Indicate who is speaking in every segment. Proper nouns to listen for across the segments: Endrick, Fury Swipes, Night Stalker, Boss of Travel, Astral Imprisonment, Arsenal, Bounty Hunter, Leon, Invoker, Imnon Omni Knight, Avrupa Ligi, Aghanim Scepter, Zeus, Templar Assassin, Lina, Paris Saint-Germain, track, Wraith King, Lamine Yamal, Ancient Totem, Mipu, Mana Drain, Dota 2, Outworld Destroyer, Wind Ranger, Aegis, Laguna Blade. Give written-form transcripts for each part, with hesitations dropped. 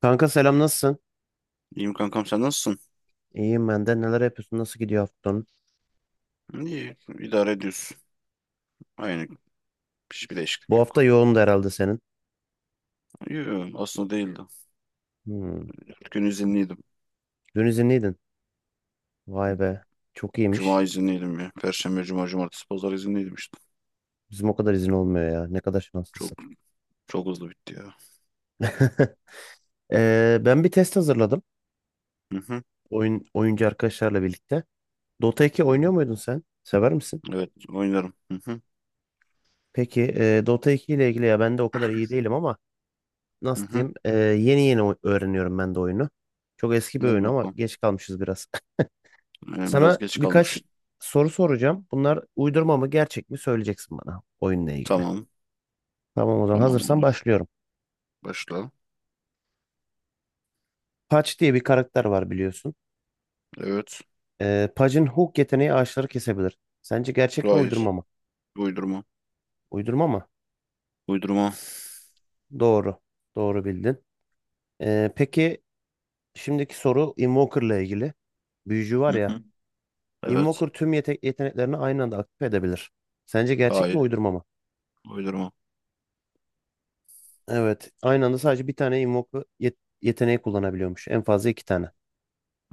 Speaker 1: Kanka selam, nasılsın?
Speaker 2: İyiyim kankam sen nasılsın?
Speaker 1: İyiyim ben de. Neler yapıyorsun? Nasıl gidiyor haftan?
Speaker 2: İyi idare ediyorsun. Aynı hiçbir değişiklik
Speaker 1: Bu hafta
Speaker 2: yok.
Speaker 1: yoğundu herhalde senin.
Speaker 2: Yok aslında değildi.
Speaker 1: Hmm.
Speaker 2: 4 gün izinliydim.
Speaker 1: Dün izinliydin. Vay be. Çok iyiymiş.
Speaker 2: Cuma izinliydim ya. Perşembe, cuma, cumartesi, pazar izinliydim işte.
Speaker 1: Bizim o kadar izin olmuyor ya. Ne kadar
Speaker 2: Çok
Speaker 1: şanslısın.
Speaker 2: çok hızlı bitti ya.
Speaker 1: Ben bir test hazırladım.
Speaker 2: Hı hı,
Speaker 1: Oyuncu arkadaşlarla birlikte. Dota 2
Speaker 2: hı hı.
Speaker 1: oynuyor muydun sen? Sever misin?
Speaker 2: Evet oynarım. Hı hı,
Speaker 1: Peki Dota 2 ile ilgili ya ben de o kadar iyi değilim ama
Speaker 2: hı
Speaker 1: nasıl
Speaker 2: hı.
Speaker 1: diyeyim? Yeni yeni öğreniyorum ben de oyunu. Çok eski bir
Speaker 2: Hadi
Speaker 1: oyun ama
Speaker 2: bakalım.
Speaker 1: geç kalmışız biraz.
Speaker 2: Biraz
Speaker 1: Sana
Speaker 2: geç
Speaker 1: birkaç
Speaker 2: kalmış.
Speaker 1: soru soracağım. Bunlar uydurma mı gerçek mi söyleyeceksin bana oyunla ilgili.
Speaker 2: Tamam.
Speaker 1: Tamam, o zaman
Speaker 2: Tamam
Speaker 1: hazırsan
Speaker 2: olur.
Speaker 1: başlıyorum.
Speaker 2: Başla.
Speaker 1: Patch diye bir karakter var biliyorsun.
Speaker 2: Evet.
Speaker 1: Patch'in hook yeteneği ağaçları kesebilir. Sence gerçek mi
Speaker 2: Hayır.
Speaker 1: uydurma mı?
Speaker 2: Uydurma.
Speaker 1: Uydurma mı?
Speaker 2: Uydurma.
Speaker 1: Doğru. Doğru bildin. Peki şimdiki soru Invoker'la ilgili. Büyücü var
Speaker 2: Hı
Speaker 1: ya.
Speaker 2: hı.
Speaker 1: Invoker
Speaker 2: Evet.
Speaker 1: tüm yeteneklerini aynı anda aktif edebilir. Sence gerçek mi
Speaker 2: Hayır.
Speaker 1: uydurma mı?
Speaker 2: Uydurma.
Speaker 1: Evet. Aynı anda sadece bir tane Invoker yeteneği kullanabiliyormuş. En fazla iki tane.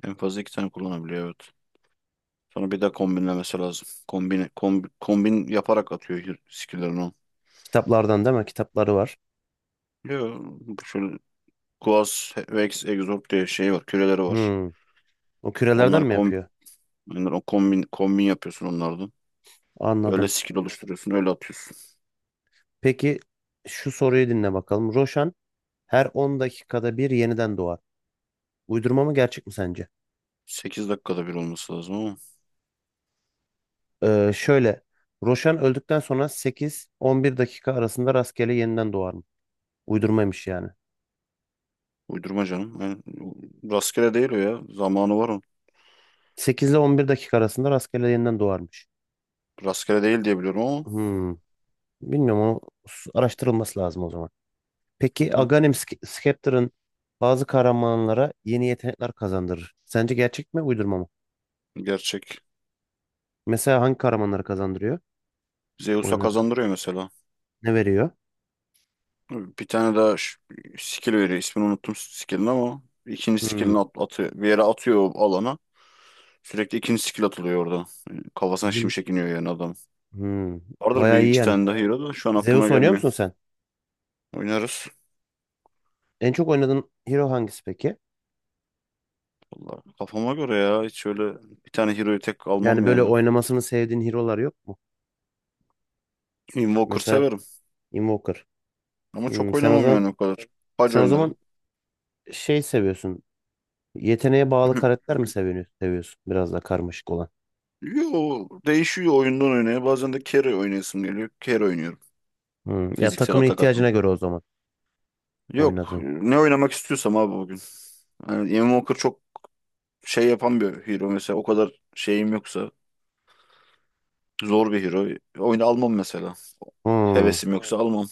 Speaker 2: En fazla iki tane kullanabiliyor. Evet. Sonra bir de kombinlemesi lazım. Kombin yaparak atıyor skill'lerini o.
Speaker 1: Kitaplardan değil mi? Kitapları var.
Speaker 2: Yo, bu şöyle Quas, Vex, Exorb diye şey var. Küreleri var.
Speaker 1: Hmm. O kürelerden
Speaker 2: Onları
Speaker 1: mi
Speaker 2: kombin,
Speaker 1: yapıyor?
Speaker 2: onları kombin yapıyorsun onlardan. Öyle
Speaker 1: Anladım.
Speaker 2: skill oluşturuyorsun, öyle atıyorsun.
Speaker 1: Peki şu soruyu dinle bakalım. Roşan her 10 dakikada bir yeniden doğar. Uydurma mı gerçek mi sence?
Speaker 2: 8 dakikada bir olması lazım ama.
Speaker 1: Şöyle. Roşan öldükten sonra 8-11 dakika arasında rastgele yeniden doğar mı? Uydurmaymış yani.
Speaker 2: Uydurma canım. Yani rastgele değil o ya. Zamanı var onun.
Speaker 1: 8 ile 11 dakika arasında rastgele yeniden doğarmış.
Speaker 2: Rastgele değil diye biliyorum ama.
Speaker 1: Hmm. Bilmiyorum, o araştırılması lazım o zaman.
Speaker 2: Hı
Speaker 1: Peki
Speaker 2: hı.
Speaker 1: Aghanim Scepter'ın bazı kahramanlara yeni yetenekler kazandırır. Sence gerçek mi, uydurma mı?
Speaker 2: Gerçek.
Speaker 1: Mesela hangi kahramanları kazandırıyor
Speaker 2: Zeus'a
Speaker 1: oynadı?
Speaker 2: kazandırıyor mesela.
Speaker 1: Ne veriyor?
Speaker 2: Bir tane daha skill veriyor. İsmini unuttum skill'in ama ikinci
Speaker 1: Hmm,
Speaker 2: skill'ini atıyor. Bir yere atıyor o alana. Sürekli ikinci skill atılıyor orada. Yani kafasına
Speaker 1: iyiymiş.
Speaker 2: şimşek iniyor yani adam.
Speaker 1: Hmm,
Speaker 2: Vardır bir
Speaker 1: bayağı iyi
Speaker 2: iki
Speaker 1: yani.
Speaker 2: tane daha hero da şu an aklıma
Speaker 1: Zeus oynuyor
Speaker 2: gelmiyor.
Speaker 1: musun sen?
Speaker 2: Oynarız.
Speaker 1: En çok oynadığın hero hangisi peki?
Speaker 2: Vallahi kafama göre ya. Hiç öyle bir tane hero'yu tek
Speaker 1: Yani
Speaker 2: almam
Speaker 1: böyle
Speaker 2: yani.
Speaker 1: oynamasını sevdiğin hero'lar yok mu?
Speaker 2: Invoker
Speaker 1: Mesela
Speaker 2: severim.
Speaker 1: Invoker.
Speaker 2: Ama
Speaker 1: Hmm,
Speaker 2: çok
Speaker 1: sen o
Speaker 2: oynamam
Speaker 1: zaman
Speaker 2: yani o kadar. Pac
Speaker 1: sen o zaman
Speaker 2: oynarım.
Speaker 1: şey seviyorsun. Yeteneğe bağlı karakter mi seviyorsun? Seviyorsun biraz da karmaşık olan.
Speaker 2: Yo, değişiyor oyundan oynaya. Bazen de carry oynayasım geliyor. Carry oynuyorum.
Speaker 1: Hmm, ya
Speaker 2: Fiziksel
Speaker 1: takımın
Speaker 2: atak
Speaker 1: ihtiyacına
Speaker 2: atan.
Speaker 1: göre o zaman
Speaker 2: Yok.
Speaker 1: oynadığın.
Speaker 2: Ne oynamak istiyorsam abi bugün. Yani Ian Walker çok şey yapan bir hero mesela. O kadar şeyim yoksa zor bir hero. Oyunu almam mesela.
Speaker 1: Hmm.
Speaker 2: Hevesim yoksa, evet, almam.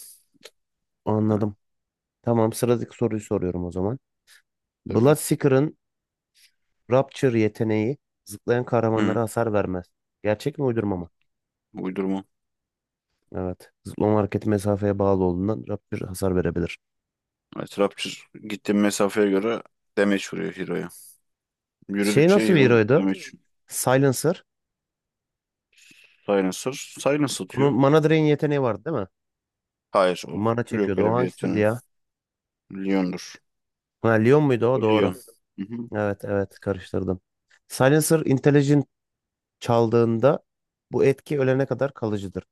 Speaker 2: Yani,
Speaker 1: Anladım. Tamam, sıradaki soruyu soruyorum o zaman.
Speaker 2: tabii.
Speaker 1: Bloodseeker'ın Rapture yeteneği zıplayan kahramanlara
Speaker 2: Hı.
Speaker 1: hasar vermez. Gerçek mi uydurma mı?
Speaker 2: Uydurma.
Speaker 1: Evet. Zıplama hareketi mesafeye bağlı olduğundan Rapture hasar verebilir.
Speaker 2: Yani Trapçır gittiğim mesafeye göre damage vuruyor hero'ya.
Speaker 1: Şey
Speaker 2: Yürüdükçe
Speaker 1: nasıl bir
Speaker 2: hero
Speaker 1: heroydu?
Speaker 2: damage. Hmm.
Speaker 1: Silencer.
Speaker 2: Silencer. Silence
Speaker 1: Bunun
Speaker 2: atıyor.
Speaker 1: Mana Drain yeteneği vardı değil mi?
Speaker 2: Hayır o.
Speaker 1: Mana
Speaker 2: Yok
Speaker 1: çekiyordu. O
Speaker 2: öyle bir
Speaker 1: hangisiydi
Speaker 2: yeteneği.
Speaker 1: ya?
Speaker 2: Leon'dur.
Speaker 1: Ha, Leon muydu o?
Speaker 2: Bu
Speaker 1: Doğru.
Speaker 2: Leon. Hı hı.
Speaker 1: Evet evet, karıştırdım. Silencer Intelligent çaldığında bu etki ölene kadar kalıcıdır.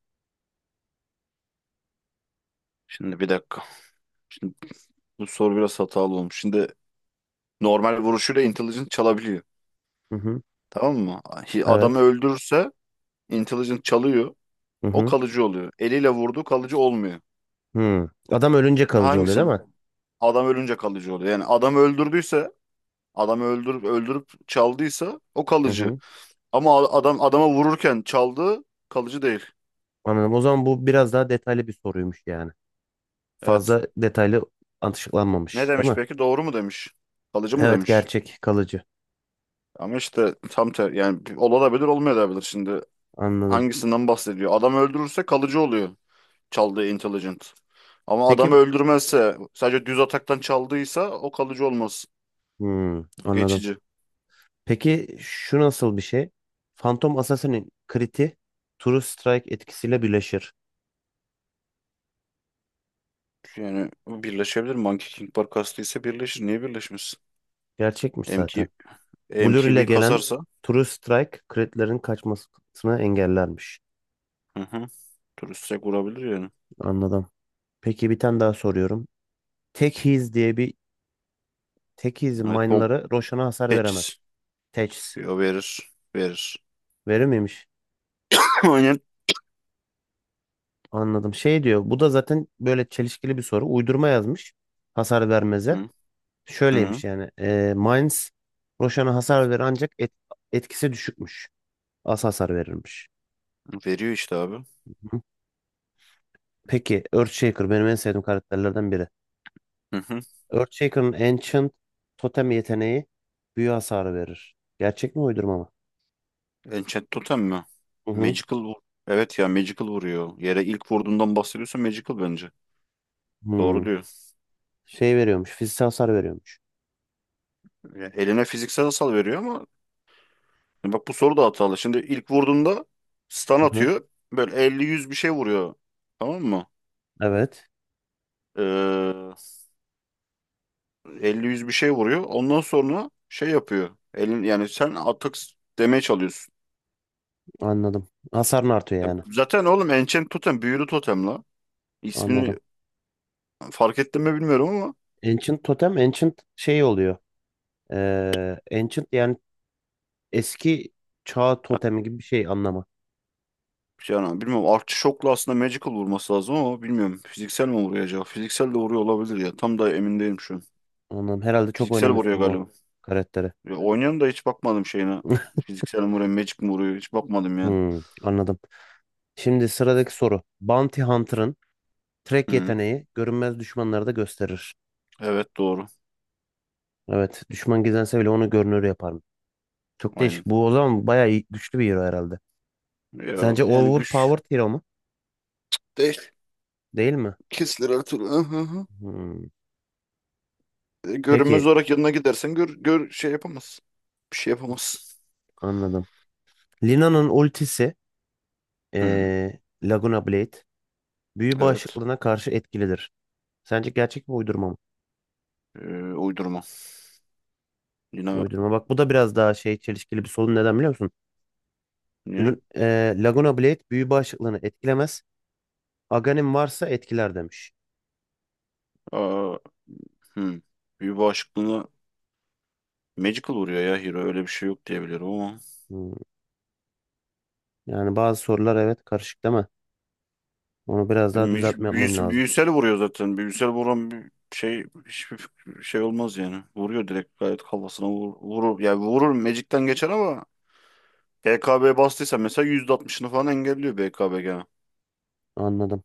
Speaker 2: Şimdi bir dakika. Şimdi bu soru biraz hatalı olmuş. Şimdi normal vuruşuyla intelligent çalabiliyor.
Speaker 1: Hı hı.
Speaker 2: Tamam mı? Adamı
Speaker 1: Evet.
Speaker 2: öldürürse intelligent çalıyor.
Speaker 1: Hı
Speaker 2: O
Speaker 1: hı.
Speaker 2: kalıcı oluyor. Eliyle vurdu, kalıcı olmuyor.
Speaker 1: Hı. Adam ölünce kalıcı oluyor değil
Speaker 2: Hangisine?
Speaker 1: mi?
Speaker 2: Adam ölünce kalıcı oluyor. Yani adam öldürdüyse, adamı öldürüp öldürüp çaldıysa o
Speaker 1: Hı
Speaker 2: kalıcı.
Speaker 1: hı.
Speaker 2: Ama adam adama vururken çaldığı kalıcı değil.
Speaker 1: Anladım. O zaman bu biraz daha detaylı bir soruymuş yani.
Speaker 2: Evet.
Speaker 1: Fazla detaylı
Speaker 2: Ne
Speaker 1: açıklanmamış, değil
Speaker 2: demiş
Speaker 1: mi?
Speaker 2: peki? Doğru mu demiş? Kalıcı mı
Speaker 1: Evet,
Speaker 2: demiş?
Speaker 1: gerçek, kalıcı.
Speaker 2: Ama işte tam ter yani olabilir olmayabilir şimdi.
Speaker 1: Anladım.
Speaker 2: Hangisinden bahsediyor? Adam öldürürse kalıcı oluyor çaldığı intelligent. Ama adamı
Speaker 1: Peki,
Speaker 2: öldürmezse sadece düz ataktan çaldıysa o kalıcı olmaz.
Speaker 1: hmm,
Speaker 2: O
Speaker 1: anladım.
Speaker 2: geçici.
Speaker 1: Peki şu nasıl bir şey? Phantom Assassin'in kriti True Strike etkisiyle birleşir.
Speaker 2: Yani birleşebilir. Monkey King Bar kastıysa birleşir. Niye birleşmesin?
Speaker 1: Gerçekmiş
Speaker 2: M K
Speaker 1: zaten. Blur ile
Speaker 2: MKB
Speaker 1: gelen
Speaker 2: kasarsa,
Speaker 1: True Strike kritlerin kaçmasını engellermiş.
Speaker 2: hı hı, turistsek vurabilir yani.
Speaker 1: Anladım. Peki bir tane daha soruyorum. Tek His diye bir Tek His'in
Speaker 2: Evet bom.
Speaker 1: mine'ları Roshan'a hasar veremez.
Speaker 2: Teçhiz.
Speaker 1: Teçhiz.
Speaker 2: Yo, verir. Verir.
Speaker 1: Verir miymiş?
Speaker 2: Aynen.
Speaker 1: Anladım. Şey diyor. Bu da zaten böyle çelişkili bir soru. Uydurma yazmış. Hasar vermeze.
Speaker 2: Hı,
Speaker 1: Şöyleymiş
Speaker 2: hı.
Speaker 1: yani. Mainz Roşan'a hasar verir ancak etkisi düşükmüş. Az hasar verirmiş.
Speaker 2: Veriyor işte abi.
Speaker 1: Hı. Peki Earthshaker benim en sevdiğim karakterlerden biri.
Speaker 2: Hı hı.
Speaker 1: Earthshaker'ın Ancient Totem yeteneği büyü hasarı verir. Gerçek mi uydurma mı?
Speaker 2: Enchant Totem mi?
Speaker 1: Hı hı.
Speaker 2: Magical vur. Evet ya Magical vuruyor. Yere ilk vurduğundan bahsediyorsa Magical bence. Doğru
Speaker 1: Hı.
Speaker 2: diyor.
Speaker 1: Şey veriyormuş. Fiziksel hasar veriyormuş.
Speaker 2: Yani eline fiziksel hasar veriyor ama bak bu soru da hatalı. Şimdi ilk vurduğunda stun
Speaker 1: Hı hı.
Speaker 2: atıyor. Böyle elli yüz bir şey vuruyor. Tamam mı?
Speaker 1: Evet.
Speaker 2: Ee, 50-100 bir şey vuruyor. Ondan sonra şey yapıyor. Elin, yani sen atak demeye çalıyorsun.
Speaker 1: Anladım. Hasarın artıyor
Speaker 2: Ya
Speaker 1: yani.
Speaker 2: zaten oğlum Enchant Totem büyülü totem la. İsmini
Speaker 1: Anladım.
Speaker 2: fark ettim mi bilmiyorum ama
Speaker 1: Ancient Totem Ancient şey oluyor. Ancient yani eski çağ totemi gibi bir şey anlamı.
Speaker 2: ya, yani bilmiyorum Artçı Shock'la aslında Magical vurması lazım ama bilmiyorum. Fiziksel mi vuruyor acaba? Fiziksel de vuruyor olabilir ya. Tam da emin değilim şu an.
Speaker 1: Anladım. Herhalde çok
Speaker 2: Fiziksel vuruyor
Speaker 1: oynamıyorsun bu
Speaker 2: galiba.
Speaker 1: karakteri.
Speaker 2: Ya, oynayan da hiç bakmadım şeyine. Fiziksel mi vuruyor, Magic mi vuruyor? Hiç bakmadım yani.
Speaker 1: Hmm, anladım. Şimdi sıradaki soru. Bounty Hunter'ın track
Speaker 2: Hı.
Speaker 1: yeteneği görünmez düşmanları da gösterir.
Speaker 2: Evet doğru.
Speaker 1: Evet, düşman gizlense bile onu görünür yapar mı? Çok değişik.
Speaker 2: Aynen.
Speaker 1: Bu o zaman bayağı güçlü bir hero herhalde.
Speaker 2: Ya,
Speaker 1: Sence
Speaker 2: yani güç
Speaker 1: overpowered hero mu?
Speaker 2: değil.
Speaker 1: Değil mi?
Speaker 2: Kesilir her türlü.
Speaker 1: Hmm, peki,
Speaker 2: Görünmez olarak yanına gidersen gör şey yapamaz, bir şey yapamaz.
Speaker 1: anladım. Lina'nın ultisi
Speaker 2: Hı,
Speaker 1: Laguna Blade büyü
Speaker 2: evet.
Speaker 1: bağışıklığına karşı etkilidir. Sence gerçek mi uydurma mı?
Speaker 2: E, Uydurma. Yine
Speaker 1: Uydurma. Bak, bu da biraz daha şey çelişkili bir sorun. Neden biliyor musun?
Speaker 2: niye?
Speaker 1: Laguna Blade büyü bağışıklığını etkilemez. Aghanim varsa etkiler demiş.
Speaker 2: Aa, hı. Büyü bağışıklığına magical vuruyor ya hero. Öyle bir şey yok diye biliyorum ama.
Speaker 1: Hmm, yani bazı sorular evet karışık değil mi? Onu biraz daha düzeltme yapmam lazım.
Speaker 2: Büyüsel vuruyor zaten. Büyüsel vuran bir şey hiçbir şey olmaz yani. Vuruyor direkt gayet kafasına vurur. Yani vurur magic'ten geçer ama BKB bastıysa mesela %60'ını falan engelliyor BKB gene.
Speaker 1: Anladım.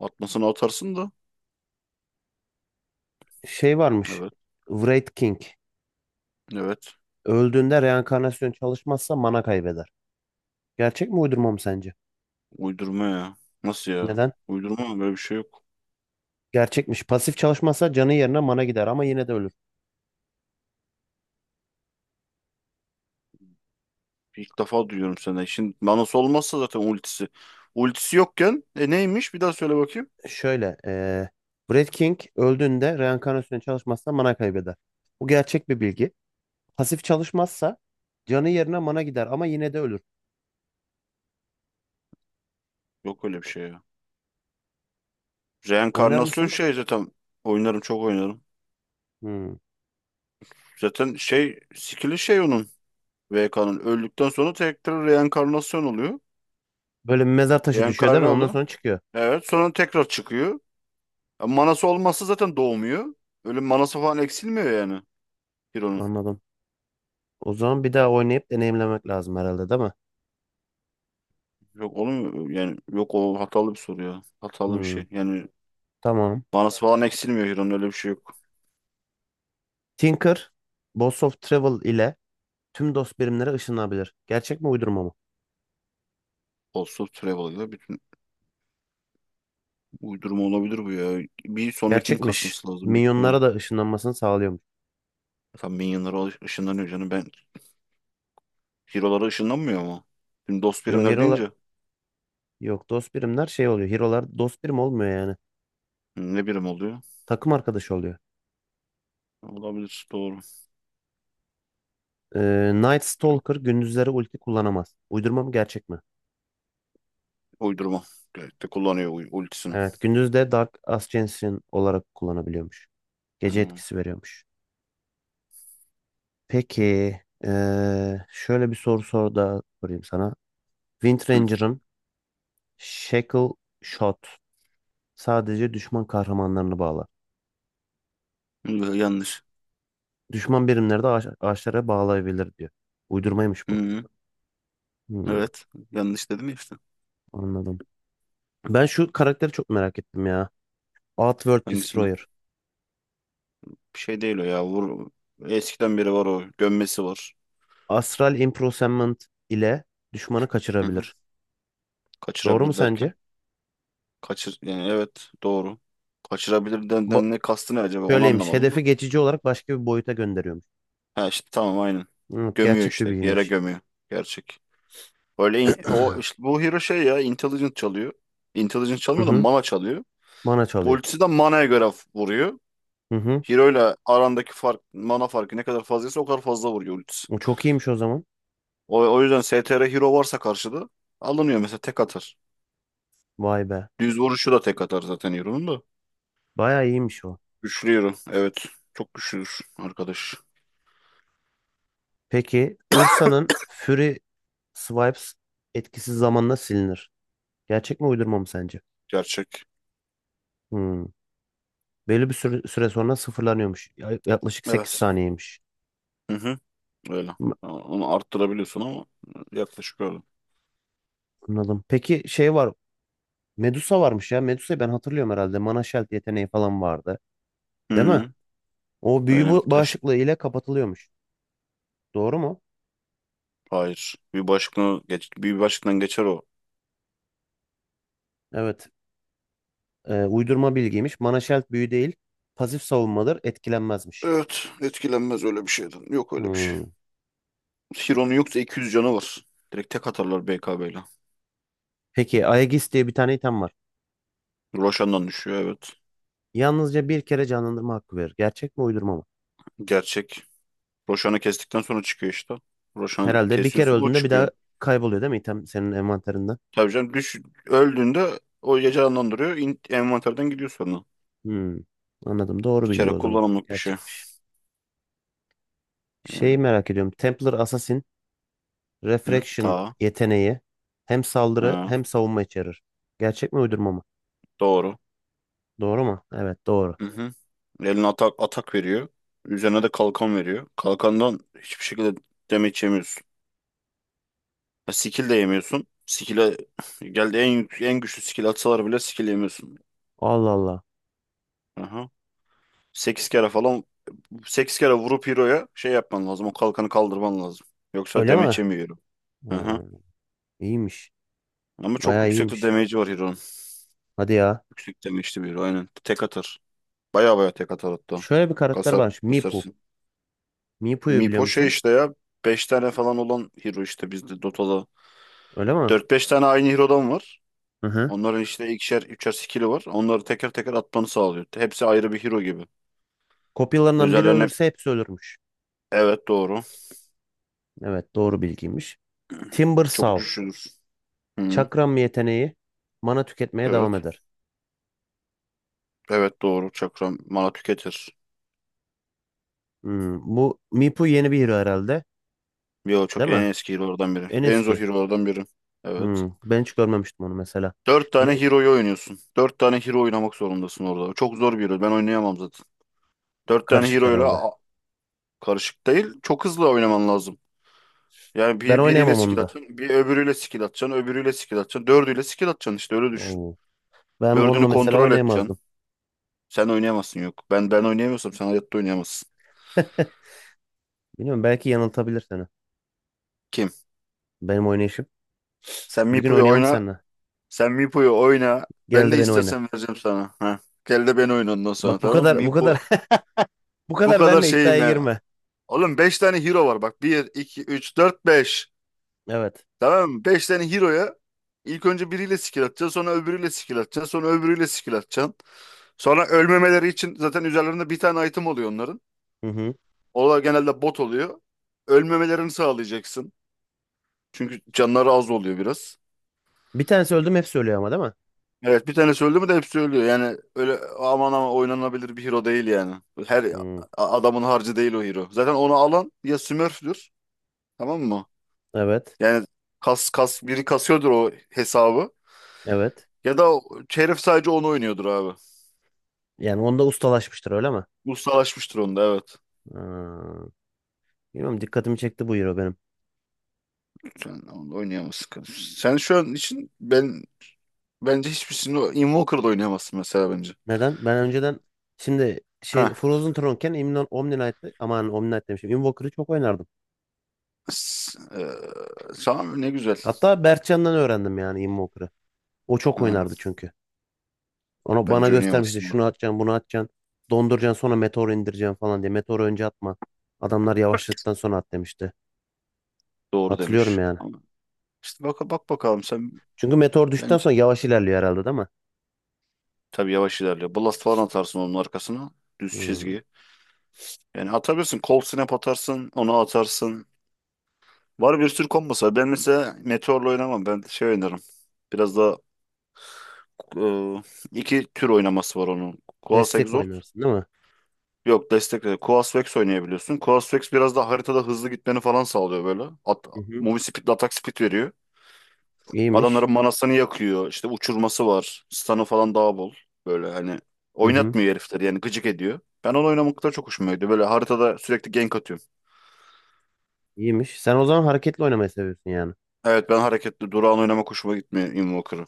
Speaker 2: Atmasını atarsın da.
Speaker 1: Şey varmış.
Speaker 2: Evet.
Speaker 1: Wraith King.
Speaker 2: Evet.
Speaker 1: Öldüğünde reenkarnasyon çalışmazsa mana kaybeder. Gerçek mi uydurma mı sence?
Speaker 2: Uydurma ya. Nasıl ya?
Speaker 1: Neden?
Speaker 2: Uydurma mı? Böyle bir şey yok.
Speaker 1: Gerçekmiş. Pasif çalışmazsa canı yerine mana gider ama yine de ölür.
Speaker 2: İlk defa duyuyorum senden. Şimdi manası olmazsa zaten ultisi. Ultisi yokken neymiş? Bir daha söyle bakayım.
Speaker 1: Şöyle, Brad King öldüğünde reenkarnasyona çalışmazsa mana kaybeder. Bu gerçek bir bilgi. Pasif çalışmazsa canı yerine mana gider ama yine de ölür.
Speaker 2: Yok öyle bir şey ya.
Speaker 1: Oynar
Speaker 2: Reenkarnasyon
Speaker 1: mısın?
Speaker 2: şey zaten. Oynarım çok oynarım.
Speaker 1: Hmm.
Speaker 2: Zaten şey skill'i şey onun. VK'nın. Öldükten sonra tekrar reenkarnasyon oluyor.
Speaker 1: Böyle bir mezar taşı düşüyor değil
Speaker 2: Reenkarne
Speaker 1: mi? Ondan
Speaker 2: oluyor.
Speaker 1: sonra çıkıyor.
Speaker 2: Evet sonra tekrar çıkıyor. Manası olmazsa zaten doğmuyor. Öyle manası falan eksilmiyor yani. Hero'nun.
Speaker 1: Anladım. O zaman bir daha oynayıp deneyimlemek lazım herhalde değil mi?
Speaker 2: Yok oğlum yani yok o hatalı bir soru ya. Hatalı bir
Speaker 1: Hmm.
Speaker 2: şey. Yani
Speaker 1: Tamam.
Speaker 2: manası falan eksilmiyor Hiro'nun öyle bir şey yok.
Speaker 1: Tinker, Boss of Travel ile tüm dost birimlere ışınlanabilir. Gerçek mi uydurma mı?
Speaker 2: Olsa Travel'ıyla bütün uydurma olabilir bu ya. Bir sonrakini
Speaker 1: Gerçekmiş.
Speaker 2: kasması lazım büyük ihtimal.
Speaker 1: Minyonlara da ışınlanmasını sağlıyormuş.
Speaker 2: Tam Minion'lara ışınlanıyor canım ben. Hero'lara ışınlanmıyor mu? Şimdi dost
Speaker 1: Yok
Speaker 2: birimler
Speaker 1: hero'lar
Speaker 2: deyince,
Speaker 1: yok dost birimler şey oluyor. Hero'lar dost birim olmuyor yani.
Speaker 2: hı, ne birim oluyor?
Speaker 1: Takım arkadaşı oluyor.
Speaker 2: Olabilir doğru.
Speaker 1: Night Stalker gündüzleri ulti kullanamaz. Uydurma mı gerçek mi?
Speaker 2: Uydurma. Gayet de kullanıyor ultisini.
Speaker 1: Evet, gündüzde Dark Ascension olarak kullanabiliyormuş. Gece
Speaker 2: Hmm.
Speaker 1: etkisi veriyormuş. Peki, şöyle bir soru sor da sorayım sana. Wind
Speaker 2: Hı.
Speaker 1: Ranger'ın Shackle Shot sadece düşman kahramanlarını bağlar.
Speaker 2: Hı, yanlış.
Speaker 1: Düşman birimleri de ağaçlara bağlayabilir diyor. Uydurmaymış bu.
Speaker 2: Hı.
Speaker 1: Hmm,
Speaker 2: Evet. Yanlış dedim ya işte.
Speaker 1: anladım. Ben şu karakteri çok merak ettim ya. Outworld
Speaker 2: Hangisini?
Speaker 1: Destroyer.
Speaker 2: Bir şey değil o ya. Vur. Eskiden beri var o. Gömmesi var.
Speaker 1: Astral Imprisonment ile düşmanı
Speaker 2: Hı hı.
Speaker 1: kaçırabilir. Doğru mu
Speaker 2: Kaçırabilir derken.
Speaker 1: sence?
Speaker 2: Kaçır yani, evet, doğru. Kaçırabilir
Speaker 1: Ba
Speaker 2: denden ne kastı ne acaba onu
Speaker 1: şöyleymiş.
Speaker 2: anlamadım da.
Speaker 1: Hedefi geçici olarak başka bir boyuta gönderiyormuş.
Speaker 2: Ha işte tamam aynen.
Speaker 1: Evet,
Speaker 2: Gömüyor
Speaker 1: gerçek bir
Speaker 2: işte yere
Speaker 1: bilgiymiş.
Speaker 2: gömüyor. Gerçek. O işte bu hero şey ya intelligent çalıyor. Intelligent
Speaker 1: Hı
Speaker 2: çalmıyor da
Speaker 1: hı.
Speaker 2: mana çalıyor.
Speaker 1: Mana çalıyor.
Speaker 2: Ultisi de mana'ya göre vuruyor.
Speaker 1: Hı hı.
Speaker 2: Hero ile arandaki fark mana farkı ne kadar fazlaysa o kadar fazla vuruyor ultisi.
Speaker 1: O çok iyiymiş o zaman.
Speaker 2: O yüzden STR hero varsa karşıda alınıyor mesela tek atar.
Speaker 1: Vay be.
Speaker 2: Düz vuruşu da tek atar zaten hero'nun da.
Speaker 1: Bayağı iyiymiş o.
Speaker 2: Güçlü hero evet. Çok güçlüdür arkadaş.
Speaker 1: Peki Ursa'nın Fury Swipes etkisiz zamanla silinir. Gerçek mi uydurma mı sence?
Speaker 2: Gerçek.
Speaker 1: Hmm. Belli bir süre sonra sıfırlanıyormuş. Yaklaşık sekiz
Speaker 2: Evet.
Speaker 1: saniyeymiş.
Speaker 2: Hı hı, öyle.
Speaker 1: M-
Speaker 2: Ama onu arttırabiliyorsun ama yaklaşık öyle.
Speaker 1: Anladım. Peki şey var. Medusa varmış ya. Medusa'yı ben hatırlıyorum herhalde. Mana Sheld yeteneği falan vardı. Değil mi?
Speaker 2: Hı,
Speaker 1: O büyü
Speaker 2: öyle. Taş,
Speaker 1: bağışıklığı ile kapatılıyormuş. Doğru mu?
Speaker 2: hayır. Bir başkına geç, bir başkından geçer o.
Speaker 1: Evet. Uydurma bilgiymiş. Mana Sheld büyü değil. Pasif savunmadır. Etkilenmezmiş.
Speaker 2: Evet, etkilenmez öyle bir şeyden. Yok öyle bir şey.
Speaker 1: Hmm.
Speaker 2: Hiro'nun yoksa 200 canı var. Direkt tek atarlar BKB ile.
Speaker 1: Peki Aegis diye bir tane item var.
Speaker 2: Roshan'dan düşüyor evet.
Speaker 1: Yalnızca bir kere canlandırma hakkı verir. Gerçek mi uydurma mı?
Speaker 2: Gerçek. Roshan'ı kestikten sonra çıkıyor işte. Roshan
Speaker 1: Herhalde bir kere
Speaker 2: kesiyorsun o
Speaker 1: öldüğünde bir daha
Speaker 2: çıkıyor.
Speaker 1: kayboluyor değil mi item senin envanterinden?
Speaker 2: Tabii canım düş, öldüğünde o ya canlandırıyor. Envanterden gidiyor sonra.
Speaker 1: Hmm. Anladım. Doğru
Speaker 2: Bir
Speaker 1: bilgi
Speaker 2: kere
Speaker 1: o zaman.
Speaker 2: kullanımlık bir şey.
Speaker 1: Gerçekmiş.
Speaker 2: Yani,
Speaker 1: Şeyi merak ediyorum. Templar Assassin
Speaker 2: hı,
Speaker 1: Refraction
Speaker 2: ta.
Speaker 1: yeteneği hem saldırı
Speaker 2: Ha,
Speaker 1: hem savunma içerir. Gerçek mi uydurma mı?
Speaker 2: doğru.
Speaker 1: Doğru mu? Evet doğru.
Speaker 2: Hı hı. Eline atak veriyor. Üzerine de kalkan veriyor. Kalkandan hiçbir şekilde damage yemiyorsun. Ya skill de yemiyorsun. Skill'e geldi en güçlü skill atsalar bile skill yemiyorsun.
Speaker 1: Allah Allah.
Speaker 2: Aha. 8 kere falan sekiz kere vurup hero'ya şey yapman lazım. O kalkanı kaldırman lazım. Yoksa
Speaker 1: Öyle
Speaker 2: damage
Speaker 1: mi?
Speaker 2: yemiyor hero. Aha.
Speaker 1: Ha, iyiymiş.
Speaker 2: Ama çok
Speaker 1: Bayağı
Speaker 2: yüksekte
Speaker 1: iyiymiş.
Speaker 2: damage var hero'nun.
Speaker 1: Hadi ya.
Speaker 2: Yüksek damage'li bir hero aynen. Tek atar. Baya baya tek atar hatta.
Speaker 1: Şöyle bir karakter
Speaker 2: Kasar,
Speaker 1: varmış. Mipu.
Speaker 2: kasarsın.
Speaker 1: Mipu'yu biliyor
Speaker 2: Mipo şey
Speaker 1: musun?
Speaker 2: işte ya 5 tane falan olan hero işte bizde Dota'da.
Speaker 1: Öyle mi?
Speaker 2: Dört beş tane aynı hero'dan var.
Speaker 1: Hı hı.
Speaker 2: Onların işte ikişer, üçer skill'i var. Onları teker teker atmanı sağlıyor. Hepsi ayrı bir hero gibi.
Speaker 1: Kopyalarından biri
Speaker 2: Üzerlerine
Speaker 1: ölürse hepsi ölürmüş.
Speaker 2: evet doğru.
Speaker 1: Evet, doğru bilgiymiş. Timber
Speaker 2: Çok
Speaker 1: Saw.
Speaker 2: güçlüdür. Hı,
Speaker 1: Çakram yeteneği mana tüketmeye devam
Speaker 2: evet.
Speaker 1: eder.
Speaker 2: Evet doğru. Çakra mana tüketir.
Speaker 1: Hmm, bu Mipu yeni bir hero herhalde.
Speaker 2: Yo çok
Speaker 1: Değil
Speaker 2: en
Speaker 1: mi?
Speaker 2: eski hero'lardan biri.
Speaker 1: En
Speaker 2: En zor
Speaker 1: eski.
Speaker 2: hero'lardan biri. Evet.
Speaker 1: Hmm, ben hiç görmemiştim onu mesela.
Speaker 2: Dört tane
Speaker 1: Le-
Speaker 2: hero'yu oynuyorsun. Dört tane hero oynamak zorundasın orada. Çok zor bir hero. Ben oynayamam zaten. Dört tane
Speaker 1: Karışık herhalde.
Speaker 2: hero'yla karışık değil. Çok hızlı oynaman lazım. Yani
Speaker 1: Ben
Speaker 2: biriyle
Speaker 1: oynayamam onu
Speaker 2: skill
Speaker 1: da.
Speaker 2: atacaksın, bir öbürüyle skill atacaksın, öbürüyle skill atacaksın, dördüyle skill atacaksın işte öyle düşün.
Speaker 1: Oo. Ben onunla
Speaker 2: Dördünü
Speaker 1: mesela
Speaker 2: kontrol edeceksin.
Speaker 1: oynayamazdım.
Speaker 2: Sen oynayamazsın yok. Ben oynayamıyorsam sen hayatta oynayamazsın.
Speaker 1: Bilmiyorum, belki yanıltabilir seni.
Speaker 2: Kim?
Speaker 1: Benim oynayışım.
Speaker 2: Sen
Speaker 1: Bir gün
Speaker 2: Mipo'yu
Speaker 1: oynayalım
Speaker 2: oyna.
Speaker 1: seninle.
Speaker 2: Sen Mipo'yu oyna.
Speaker 1: Gel
Speaker 2: Ben
Speaker 1: de
Speaker 2: ne
Speaker 1: beni oyna.
Speaker 2: istersen vereceğim sana. Ha. Gel de ben oyna ondan sonra
Speaker 1: Bak bu
Speaker 2: tamam mı?
Speaker 1: kadar bu kadar
Speaker 2: Mipo.
Speaker 1: bu
Speaker 2: Bu
Speaker 1: kadar
Speaker 2: kadar
Speaker 1: benle
Speaker 2: şeyim
Speaker 1: iddiaya
Speaker 2: yani.
Speaker 1: girme.
Speaker 2: Oğlum 5 tane hero var bak. Bir, 2, 3, 4, 5.
Speaker 1: Evet.
Speaker 2: Tamam mı? 5 tane hero'ya ilk önce biriyle skill atacaksın. Sonra öbürüyle skill atacaksın. Sonra öbürüyle skill atacaksın. Sonra ölmemeleri için zaten üzerlerinde bir tane item oluyor onların.
Speaker 1: Hı hı.
Speaker 2: Onlar genelde bot oluyor. Ölmemelerini sağlayacaksın. Çünkü canları az oluyor biraz.
Speaker 1: Bir tanesi öldüm hepsi ölüyor ama değil mi?
Speaker 2: Evet bir tanesi öldü mü de hepsi ölüyor. Yani öyle aman ama oynanabilir bir hero değil yani. Her
Speaker 1: Hı.
Speaker 2: adamın harcı değil o hero. Zaten onu alan ya smurf'dür tamam mı?
Speaker 1: Evet.
Speaker 2: Yani kas kas biri kasıyordur o hesabı.
Speaker 1: Evet.
Speaker 2: Ya da o herif sadece onu oynuyordur abi.
Speaker 1: Yani onda ustalaşmıştır öyle mi?
Speaker 2: Ustalaşmıştır onda evet.
Speaker 1: Hı. Bilmiyorum, dikkatimi çekti bu hero benim.
Speaker 2: Sen onu oynayamazsın. Sen şu an için ben Bence hiçbirisini Invoker'da oynayamazsın mesela bence.
Speaker 1: Neden? Ben önceden şimdi şey
Speaker 2: Ha.
Speaker 1: Frozen Throne'ken Imnon Omni Knight'ı aman Omni Knight demişim. Invoker'ı çok oynardım.
Speaker 2: S- e, tamam ne güzel.
Speaker 1: Hatta Berkcan'dan öğrendim yani Invoker'ı. O çok
Speaker 2: Ha.
Speaker 1: oynardı çünkü. Ona bana
Speaker 2: Bence
Speaker 1: göstermişti,
Speaker 2: oynayamazsın o.
Speaker 1: şunu atacaksın bunu atacaksın. Donduracaksın sonra meteor indireceksin falan diye. Meteoru önce atma. Adamlar yavaşladıktan sonra at demişti.
Speaker 2: Doğru
Speaker 1: Hatırlıyorum
Speaker 2: demiş.
Speaker 1: yani.
Speaker 2: Ama işte bak, bak bakalım sen
Speaker 1: Çünkü meteor düştükten
Speaker 2: bence
Speaker 1: sonra yavaş ilerliyor herhalde değil mi?
Speaker 2: tabii yavaş ilerliyor. Blast falan atarsın onun arkasına. Düz
Speaker 1: Hmm.
Speaker 2: çizgi. Yani atabilirsin. Cold Snap atarsın. Onu atarsın. Var bir sürü kombosu var. Ben mesela Meteor'la oynamam. Ben şey oynarım. Biraz da e, iki tür oynaması var onun. Kuala
Speaker 1: Destek
Speaker 2: Exor.
Speaker 1: oynarsın değil mi?
Speaker 2: Yok destekle. Quasvex oynayabiliyorsun. Quasvex biraz da haritada hızlı gitmeni falan sağlıyor böyle. At,
Speaker 1: Hı hı.
Speaker 2: movie speed ile atak speed veriyor. Adamların
Speaker 1: İyiymiş.
Speaker 2: Manasını yakıyor. İşte uçurması var. Stun'ı falan daha bol. Böyle hani
Speaker 1: Hı hı.
Speaker 2: oynatmıyor herifleri yani gıcık ediyor. Ben onu oynamakta çok hoşuma gidiyor. Böyle haritada sürekli gank atıyorum.
Speaker 1: İyiymiş. Sen o zaman hareketli oynamayı seviyorsun yani.
Speaker 2: Evet ben hareketli durağan oynamak hoşuma gitmiyor Invoker'ı.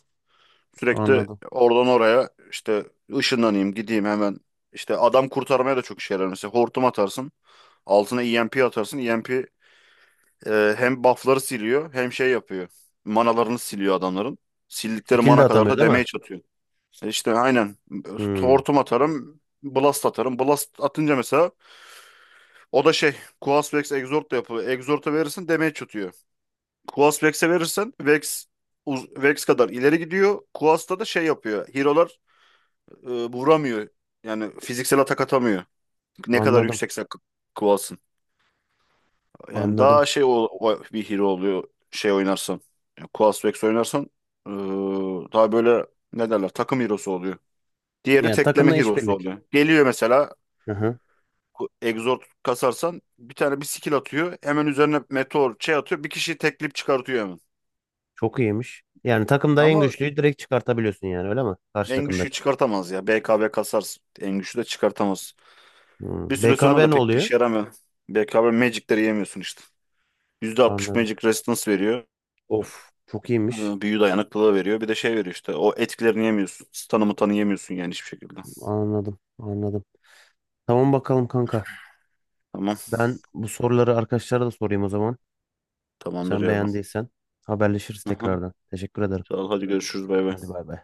Speaker 2: Sürekli
Speaker 1: Anladım.
Speaker 2: oradan oraya işte ışınlanayım gideyim hemen. İşte adam kurtarmaya da çok işe yarar. Mesela hortum atarsın. Altına EMP atarsın. EMP hem buff'ları siliyor hem şey yapıyor. Manalarını siliyor adamların. Sildikleri
Speaker 1: Skill de
Speaker 2: mana kadar
Speaker 1: atamıyor
Speaker 2: da
Speaker 1: değil mi?
Speaker 2: damage atıyor. İşte aynen.
Speaker 1: Hmm.
Speaker 2: Hortum atarım. Blast atarım. Blast atınca mesela o da şey Quas Vex Exort da yapıyor. Exort'a verirsin damage atıyor. Quas Vex'e verirsen Vex kadar ileri gidiyor. Quas'ta da şey yapıyor. Hero'lar vuramıyor. Yani fiziksel atak atamıyor. Ne kadar
Speaker 1: Anladım.
Speaker 2: yüksekse Quas'ın. Yani
Speaker 1: Anladım.
Speaker 2: daha şey bir hero oluyor şey oynarsan. Yani Quas Vex oynarsan ee, daha böyle ne derler takım hero'su oluyor. Diğeri
Speaker 1: Yani takımla
Speaker 2: tekleme hero'su
Speaker 1: işbirlik.
Speaker 2: oluyor. Geliyor mesela
Speaker 1: Hı hı.
Speaker 2: Exort kasarsan bir tane bir skill atıyor. Hemen üzerine meteor şey atıyor. Bir kişiyi tekleyip çıkartıyor hemen.
Speaker 1: Çok iyiymiş. Yani takımda en
Speaker 2: Ama
Speaker 1: güçlüyü direkt çıkartabiliyorsun yani öyle mi? Karşı
Speaker 2: en güçlüyü
Speaker 1: takımdaki.
Speaker 2: çıkartamaz ya. BKB kasarsın. En güçlü de çıkartamaz.
Speaker 1: Hmm.
Speaker 2: Bir süre sonra
Speaker 1: BKB
Speaker 2: da
Speaker 1: ne
Speaker 2: pek bir
Speaker 1: oluyor?
Speaker 2: işe yaramıyor. BKB Magic'leri yemiyorsun işte. %60
Speaker 1: Anladım.
Speaker 2: Magic Resistance veriyor.
Speaker 1: Of, çok iyiymiş.
Speaker 2: Büyü dayanıklılığı veriyor. Bir de şey veriyor işte. O etkilerini yemiyorsun. Stun'ımı tanıyamıyorsun yani hiçbir şekilde.
Speaker 1: Anladım, anladım. Tamam bakalım kanka.
Speaker 2: Tamam.
Speaker 1: Ben bu soruları arkadaşlara da sorayım o zaman.
Speaker 2: Tamamdır
Speaker 1: Sen
Speaker 2: yavrum.
Speaker 1: beğendiysen haberleşiriz
Speaker 2: Hı.
Speaker 1: tekrardan. Teşekkür ederim.
Speaker 2: Sağ ol. Hadi görüşürüz. Bay
Speaker 1: Hadi
Speaker 2: bay.
Speaker 1: bay bay.